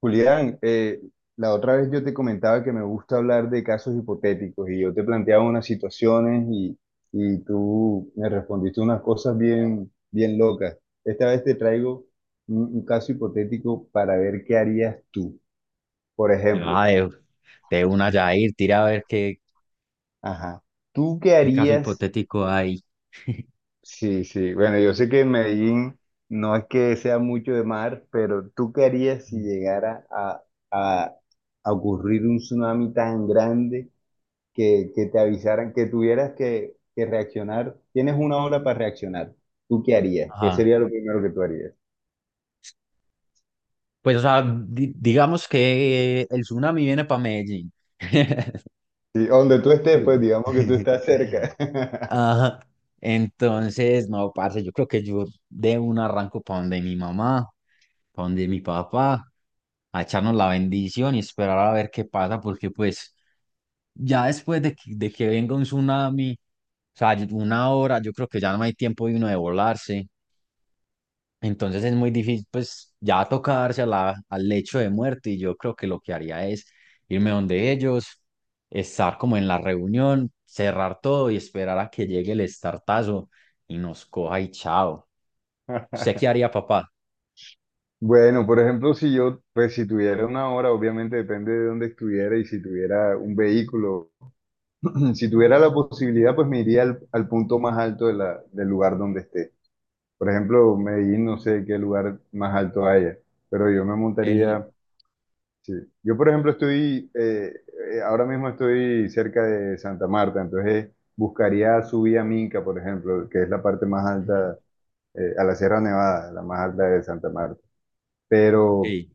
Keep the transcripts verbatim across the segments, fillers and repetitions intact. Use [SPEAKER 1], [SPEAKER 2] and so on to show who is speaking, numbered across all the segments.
[SPEAKER 1] Julián, eh, la otra vez yo te comentaba que me gusta hablar de casos hipotéticos y yo te planteaba unas situaciones y, y tú me respondiste unas cosas bien, bien locas. Esta vez te traigo un, un caso hipotético para ver qué harías tú. Por ejemplo,
[SPEAKER 2] Ah, de, de una ya ir tira a ver qué,
[SPEAKER 1] ajá, ¿tú qué
[SPEAKER 2] qué caso
[SPEAKER 1] harías?
[SPEAKER 2] hipotético hay.
[SPEAKER 1] Sí, sí, bueno, yo sé que en Medellín no es que sea mucho de mar, pero ¿tú qué harías si llegara a, a a ocurrir un tsunami tan grande? que, que te avisaran, que tuvieras que, que reaccionar, tienes una hora para reaccionar, ¿tú qué harías? ¿Qué
[SPEAKER 2] Ajá.
[SPEAKER 1] sería lo primero que tú harías?
[SPEAKER 2] Pues, o sea, di- digamos que el tsunami viene para Medellín.
[SPEAKER 1] Sí, donde tú estés, pues digamos que tú estás cerca.
[SPEAKER 2] Ajá. Entonces no, parce, yo creo que yo de un arranco para donde mi mamá, para donde mi papá, a echarnos la bendición y esperar a ver qué pasa, porque pues ya después de que, de que venga un tsunami, o sea, una hora, yo creo que ya no hay tiempo de uno de volarse. Entonces es muy difícil, pues ya tocarse a la, al lecho de muerte. Y yo creo que lo que haría es irme donde ellos, estar como en la reunión, cerrar todo y esperar a que llegue el estartazo y nos coja y chao. ¿Usted qué haría, papá?
[SPEAKER 1] Bueno, por ejemplo, si yo, pues si tuviera una hora, obviamente depende de dónde estuviera y si tuviera un vehículo, si tuviera la posibilidad, pues me iría al, al punto más alto de la- del lugar donde esté. Por ejemplo, Medellín, no sé qué lugar más alto haya, pero yo me
[SPEAKER 2] El.
[SPEAKER 1] montaría. Sí. Yo, por ejemplo, estoy, eh, eh, ahora mismo estoy cerca de Santa Marta, entonces buscaría subir a Minca, por ejemplo, que es la parte más
[SPEAKER 2] Ujú.
[SPEAKER 1] alta, eh, a la Sierra Nevada, la más alta de Santa Marta. Pero,
[SPEAKER 2] Sí.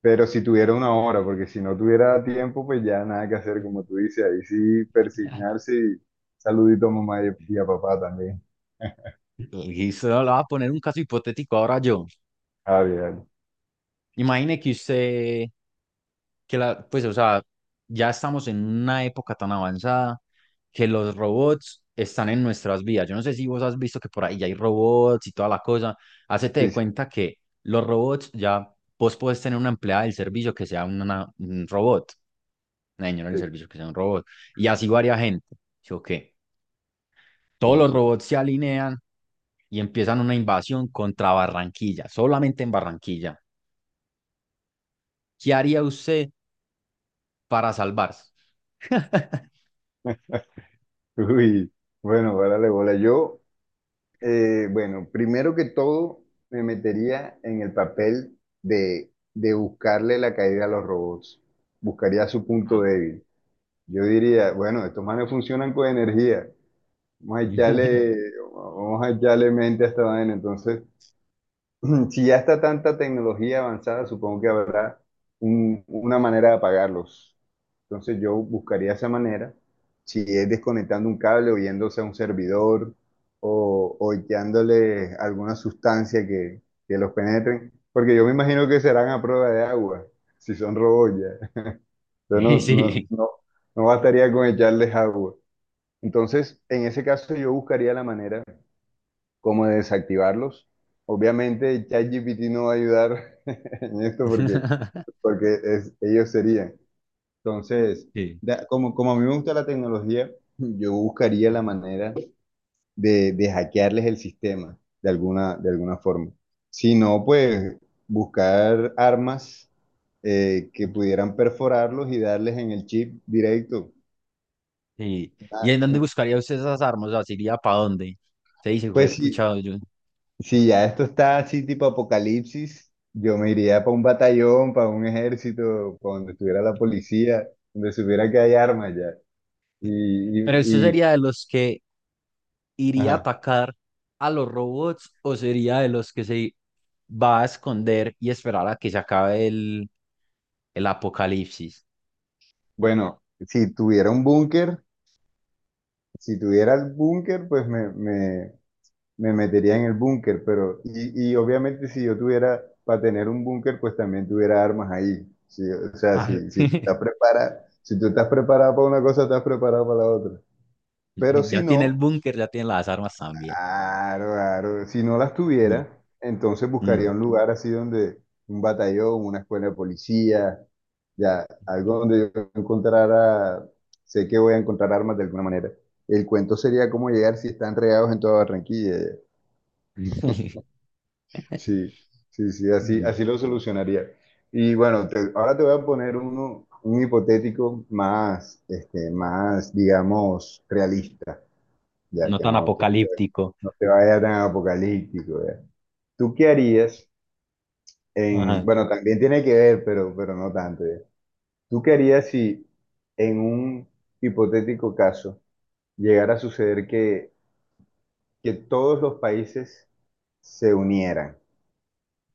[SPEAKER 1] pero si tuviera una hora, porque si no tuviera tiempo, pues ya nada que hacer, como tú dices, ahí sí persignarse y saludito a mamá y, y a papá también.
[SPEAKER 2] Y se le voy a poner un caso hipotético ahora yo.
[SPEAKER 1] Ah, bien.
[SPEAKER 2] Imagine que usted que la, pues, o sea, ya estamos en una época tan avanzada que los robots están en nuestras vidas. Yo no sé si vos has visto que por ahí ya hay robots y toda la cosa. Hacete
[SPEAKER 1] Sí,
[SPEAKER 2] de
[SPEAKER 1] sí,
[SPEAKER 2] cuenta que los robots ya, vos podés tener una empleada del servicio que sea una- un robot, una señora del
[SPEAKER 1] sí,
[SPEAKER 2] servicio que sea un robot, y así varia gente. Yo, que
[SPEAKER 1] sí,
[SPEAKER 2] todos los
[SPEAKER 1] sí, sí.
[SPEAKER 2] robots se alinean y empiezan una invasión contra Barranquilla, solamente en Barranquilla. ¿Qué haría usted para salvarse?
[SPEAKER 1] Uy, bueno, párale bola. Yo. Eh, bueno, primero que todo, me metería en el papel de, de buscarle la caída a los robots. Buscaría su punto
[SPEAKER 2] Ah.
[SPEAKER 1] débil. Yo diría, bueno, estos manes funcionan con energía. Vamos a echarle, vamos a echarle mente a esta vaina. Entonces, si ya está tanta tecnología avanzada, supongo que habrá un- una manera de apagarlos. Entonces yo buscaría esa manera, si es desconectando un cable o yéndose a un servidor o, o echándole alguna sustancia que, que los penetren, porque yo me imagino que serán a prueba de agua, si son robots ya. Yo
[SPEAKER 2] Y
[SPEAKER 1] no, no,
[SPEAKER 2] sí.
[SPEAKER 1] no, no bastaría con echarles agua. Entonces, en ese caso yo buscaría la manera como de desactivarlos. Obviamente chat G P T no va a ayudar en esto porque, porque es- ellos serían. Entonces,
[SPEAKER 2] Sí.
[SPEAKER 1] da- como, como a mí me gusta la tecnología, yo buscaría la
[SPEAKER 2] Ujú.
[SPEAKER 1] manera de, de hackearles el sistema de alguna, de alguna forma. Si no, pues buscar armas eh, que
[SPEAKER 2] Ujú.
[SPEAKER 1] pudieran perforarlos y darles en el chip directo.
[SPEAKER 2] Sí.
[SPEAKER 1] Ah,
[SPEAKER 2] ¿Y en dónde
[SPEAKER 1] mm,
[SPEAKER 2] buscaría usted esas armas? O sea, ¿se iría para dónde? Se dice, fue
[SPEAKER 1] pues si,
[SPEAKER 2] puchado yo.
[SPEAKER 1] si ya esto está así tipo apocalipsis, yo me iría para un batallón, para un ejército, para donde estuviera la policía, donde supiera que hay armas ya. Y,
[SPEAKER 2] Pero usted
[SPEAKER 1] y, y-
[SPEAKER 2] sería de los que iría a
[SPEAKER 1] ajá.
[SPEAKER 2] atacar a los robots, o sería de los que se va a esconder y esperar a que se acabe el, el apocalipsis.
[SPEAKER 1] Bueno, si tuviera un búnker, si tuviera el búnker, pues me, me, me metería en el búnker, pero, y, y obviamente si yo tuviera, para tener un búnker, pues también tuviera armas ahí. Sí, o sea,
[SPEAKER 2] Ah.
[SPEAKER 1] si, si estás preparado, si tú estás preparado para una cosa, estás preparado para la otra. Pero si
[SPEAKER 2] Ya tiene el
[SPEAKER 1] no,
[SPEAKER 2] búnker, ya tiene las armas también.
[SPEAKER 1] claro, claro. Si no las
[SPEAKER 2] Mm,
[SPEAKER 1] tuviera, entonces buscaría
[SPEAKER 2] mm.
[SPEAKER 1] un lugar así donde un batallón, una escuela de policía, ya, algo donde yo encontrara, sé que voy a encontrar armas de alguna manera. El cuento sería cómo llegar si están regados en toda Barranquilla. Ya. Sí, sí, sí, así, así lo solucionaría. Y bueno, te- ahora te voy a poner uno, un hipotético más, este, más, digamos, realista, ya
[SPEAKER 2] No
[SPEAKER 1] que
[SPEAKER 2] tan
[SPEAKER 1] no, que
[SPEAKER 2] apocalíptico.
[SPEAKER 1] no te vaya tan apocalíptico, ya. ¿Tú qué harías en,
[SPEAKER 2] Ajá.
[SPEAKER 1] bueno, también tiene que ver, pero, pero no tanto ya. ¿Tú qué harías si en un hipotético caso llegara a suceder que, que todos los países se unieran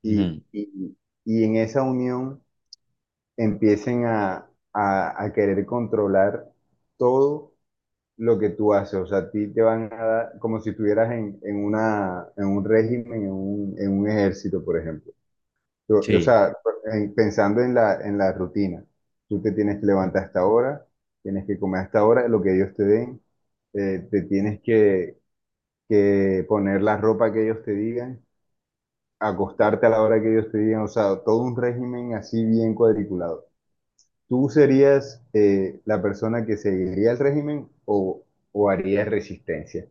[SPEAKER 1] y,
[SPEAKER 2] Ujú.
[SPEAKER 1] y- y en esa unión empiecen a, a- a querer controlar todo lo que tú haces? O sea, a ti te van a dar como si estuvieras en, en una, en un régimen, en un, en un ejército, por ejemplo. Tú- o
[SPEAKER 2] Sí.
[SPEAKER 1] sea, en- pensando en la, en la rutina, tú te tienes que levantar a esta hora, tienes que comer a esta hora, lo que ellos te den, eh, te tienes que, que poner la ropa que ellos te digan, acostarte a la hora que ellos te digan, o sea, todo un régimen así bien cuadriculado. ¿Tú serías eh, la persona que seguiría el régimen o, o harías resistencia?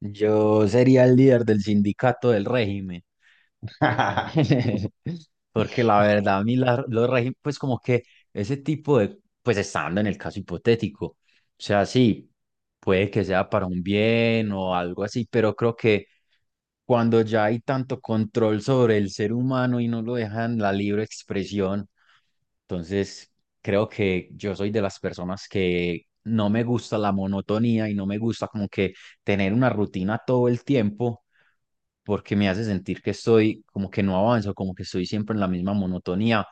[SPEAKER 2] Yo sería el líder del sindicato del régimen. Porque la verdad, a mí la- los regímenes, pues como que ese tipo de, pues estando en el caso hipotético, o sea, sí, puede que sea para un bien o algo así, pero creo que cuando ya hay tanto control sobre el ser humano y no lo dejan la libre expresión, entonces creo que yo soy de las personas que no me gusta la monotonía y no me gusta como que tener una rutina todo el tiempo, porque me hace sentir que estoy como que no avanzo, como que estoy siempre en la misma monotonía.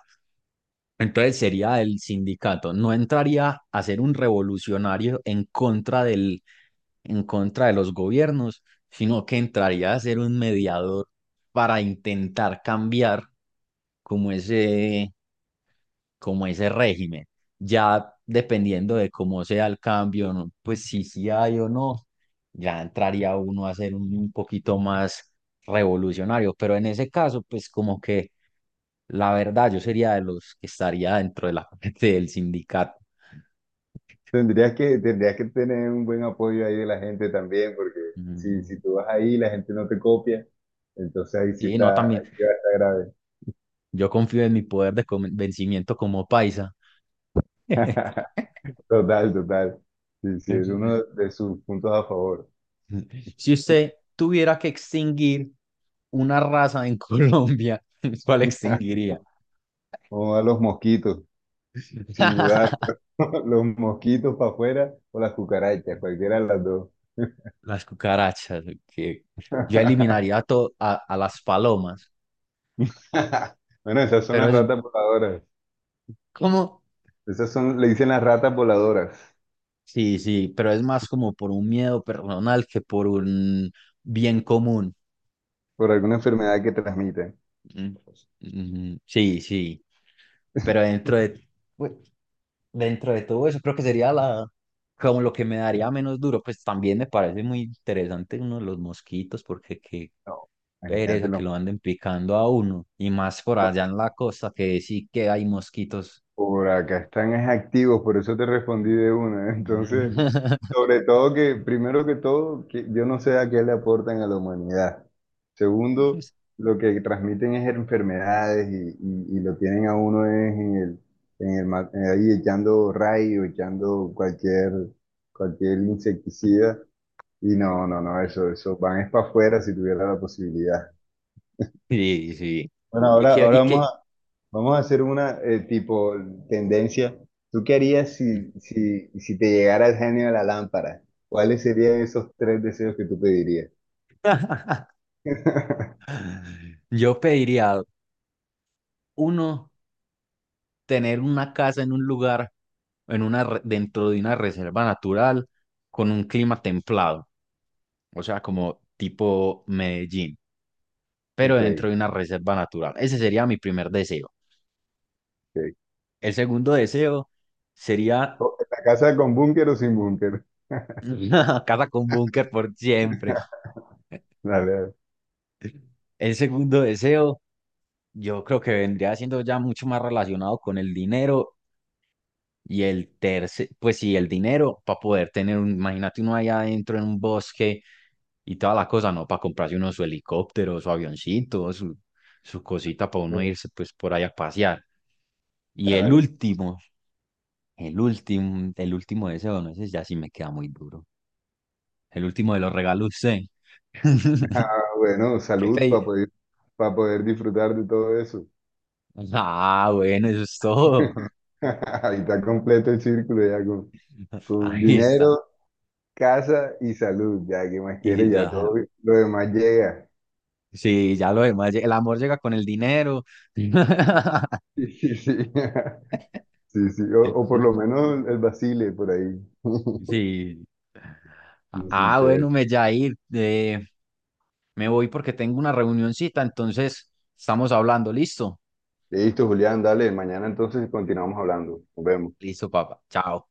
[SPEAKER 2] Entonces sería el sindicato. No entraría a ser un revolucionario en contra del, en contra de los gobiernos, sino que entraría a ser un mediador para intentar cambiar como ese como ese régimen. Ya dependiendo de cómo sea el cambio, ¿no? Pues si sí hay o no, ya entraría uno a ser un, un poquito más revolucionario. Pero en ese caso, pues como que la verdad yo sería de los que estaría dentro de la parte del sindicato.
[SPEAKER 1] Tendrías que, tendrías que tener un buen apoyo ahí de la gente también, porque si, si
[SPEAKER 2] Mm.
[SPEAKER 1] tú vas ahí, la gente no te copia. Entonces ahí sí
[SPEAKER 2] Sí, no,
[SPEAKER 1] está, ahí
[SPEAKER 2] también
[SPEAKER 1] sí va a estar grave.
[SPEAKER 2] yo confío en mi poder de convencimiento como paisa.
[SPEAKER 1] Total, total. Sí, sí, es uno de sus puntos a favor.
[SPEAKER 2] Si usted tuviera que extinguir una raza en Colombia, ¿cuál extinguiría?
[SPEAKER 1] Vamos a los mosquitos, sin dudar. Los mosquitos para afuera o las cucarachas, cualquiera de las dos.
[SPEAKER 2] Las cucarachas, que yo eliminaría a, to- a, a las palomas,
[SPEAKER 1] Bueno, esas son
[SPEAKER 2] pero
[SPEAKER 1] las
[SPEAKER 2] es
[SPEAKER 1] ratas voladoras.
[SPEAKER 2] como,
[SPEAKER 1] Esas son, le dicen las ratas voladoras
[SPEAKER 2] sí, sí, pero es más como por un miedo personal que por un bien común.
[SPEAKER 1] por alguna enfermedad que transmiten.
[SPEAKER 2] Mm, mm. Sí, sí, pero dentro de, dentro de todo eso, creo que sería la, como lo que me daría menos duro. Pues también me parece muy interesante uno de los mosquitos, porque qué
[SPEAKER 1] No, imagínate,
[SPEAKER 2] pereza que
[SPEAKER 1] los-
[SPEAKER 2] lo anden picando a uno. Y más por allá en la costa, que sí que hay mosquitos.
[SPEAKER 1] por acá están es activos, por eso te respondí de una. Entonces, sobre todo que, primero que todo, que yo no sé a qué le aportan a la humanidad. Segundo, lo que transmiten es enfermedades y, y- y lo tienen a uno es en el, en el, ma- eh, ahí echando rayo, echando cualquier, cualquier insecticida. Y no, no, no, eso, eso van es para afuera si tuviera la posibilidad.
[SPEAKER 2] Sí, sí.
[SPEAKER 1] Bueno,
[SPEAKER 2] Y
[SPEAKER 1] ahora,
[SPEAKER 2] que,
[SPEAKER 1] ahora
[SPEAKER 2] y
[SPEAKER 1] vamos.
[SPEAKER 2] que
[SPEAKER 1] Vamos a hacer una eh, tipo tendencia. ¿Tú qué harías si, si, si te llegara el genio de la lámpara? ¿Cuáles serían esos tres deseos que tú pedirías?
[SPEAKER 2] yo pediría, uno, tener una casa en un lugar, en una, re- dentro de una reserva natural, con un clima templado. O sea, como tipo Medellín, pero
[SPEAKER 1] Ok,
[SPEAKER 2] dentro de una reserva natural. Ese sería mi primer deseo.
[SPEAKER 1] ok.
[SPEAKER 2] El segundo deseo sería
[SPEAKER 1] Co- ¿La casa con búnker o sin búnker?
[SPEAKER 2] una casa con búnker por siempre.
[SPEAKER 1] Dale, dale.
[SPEAKER 2] El segundo deseo, yo creo que vendría siendo ya mucho más relacionado con el dinero, y el tercer, pues sí, el dinero para poder tener un, imagínate uno allá adentro en un bosque y toda la cosa, ¿no? Para comprarse uno su helicóptero, su avioncito, su, su cosita para uno
[SPEAKER 1] Bueno,
[SPEAKER 2] irse pues por ahí a pasear. Y el
[SPEAKER 1] claro.
[SPEAKER 2] último. El último, el último deseo, no, ese ya sí me queda muy duro. El último de los regalos, sí.
[SPEAKER 1] Ah, bueno,
[SPEAKER 2] ¿Qué
[SPEAKER 1] salud para
[SPEAKER 2] pedí?
[SPEAKER 1] poder, para poder disfrutar de todo eso.
[SPEAKER 2] Ah, bueno, eso es todo.
[SPEAKER 1] Ahí está completo el círculo ya con, con
[SPEAKER 2] Ahí está.
[SPEAKER 1] dinero, casa y salud. Ya, ¿qué más
[SPEAKER 2] Y
[SPEAKER 1] quieres? Ya
[SPEAKER 2] ya,
[SPEAKER 1] todo lo demás llega.
[SPEAKER 2] sí, ya lo demás, el amor llega con el dinero.
[SPEAKER 1] Sí, sí, sí. Sí, sí, o, o por lo menos el Basile por ahí.
[SPEAKER 2] Sí.
[SPEAKER 1] Sí, sí,
[SPEAKER 2] Ah,
[SPEAKER 1] chévere.
[SPEAKER 2] bueno, me Jair, eh, me voy porque tengo una reunioncita, entonces estamos hablando, ¿listo?
[SPEAKER 1] Listo, Julián, dale, mañana entonces continuamos hablando. Nos vemos.
[SPEAKER 2] Listo, papá. Chao.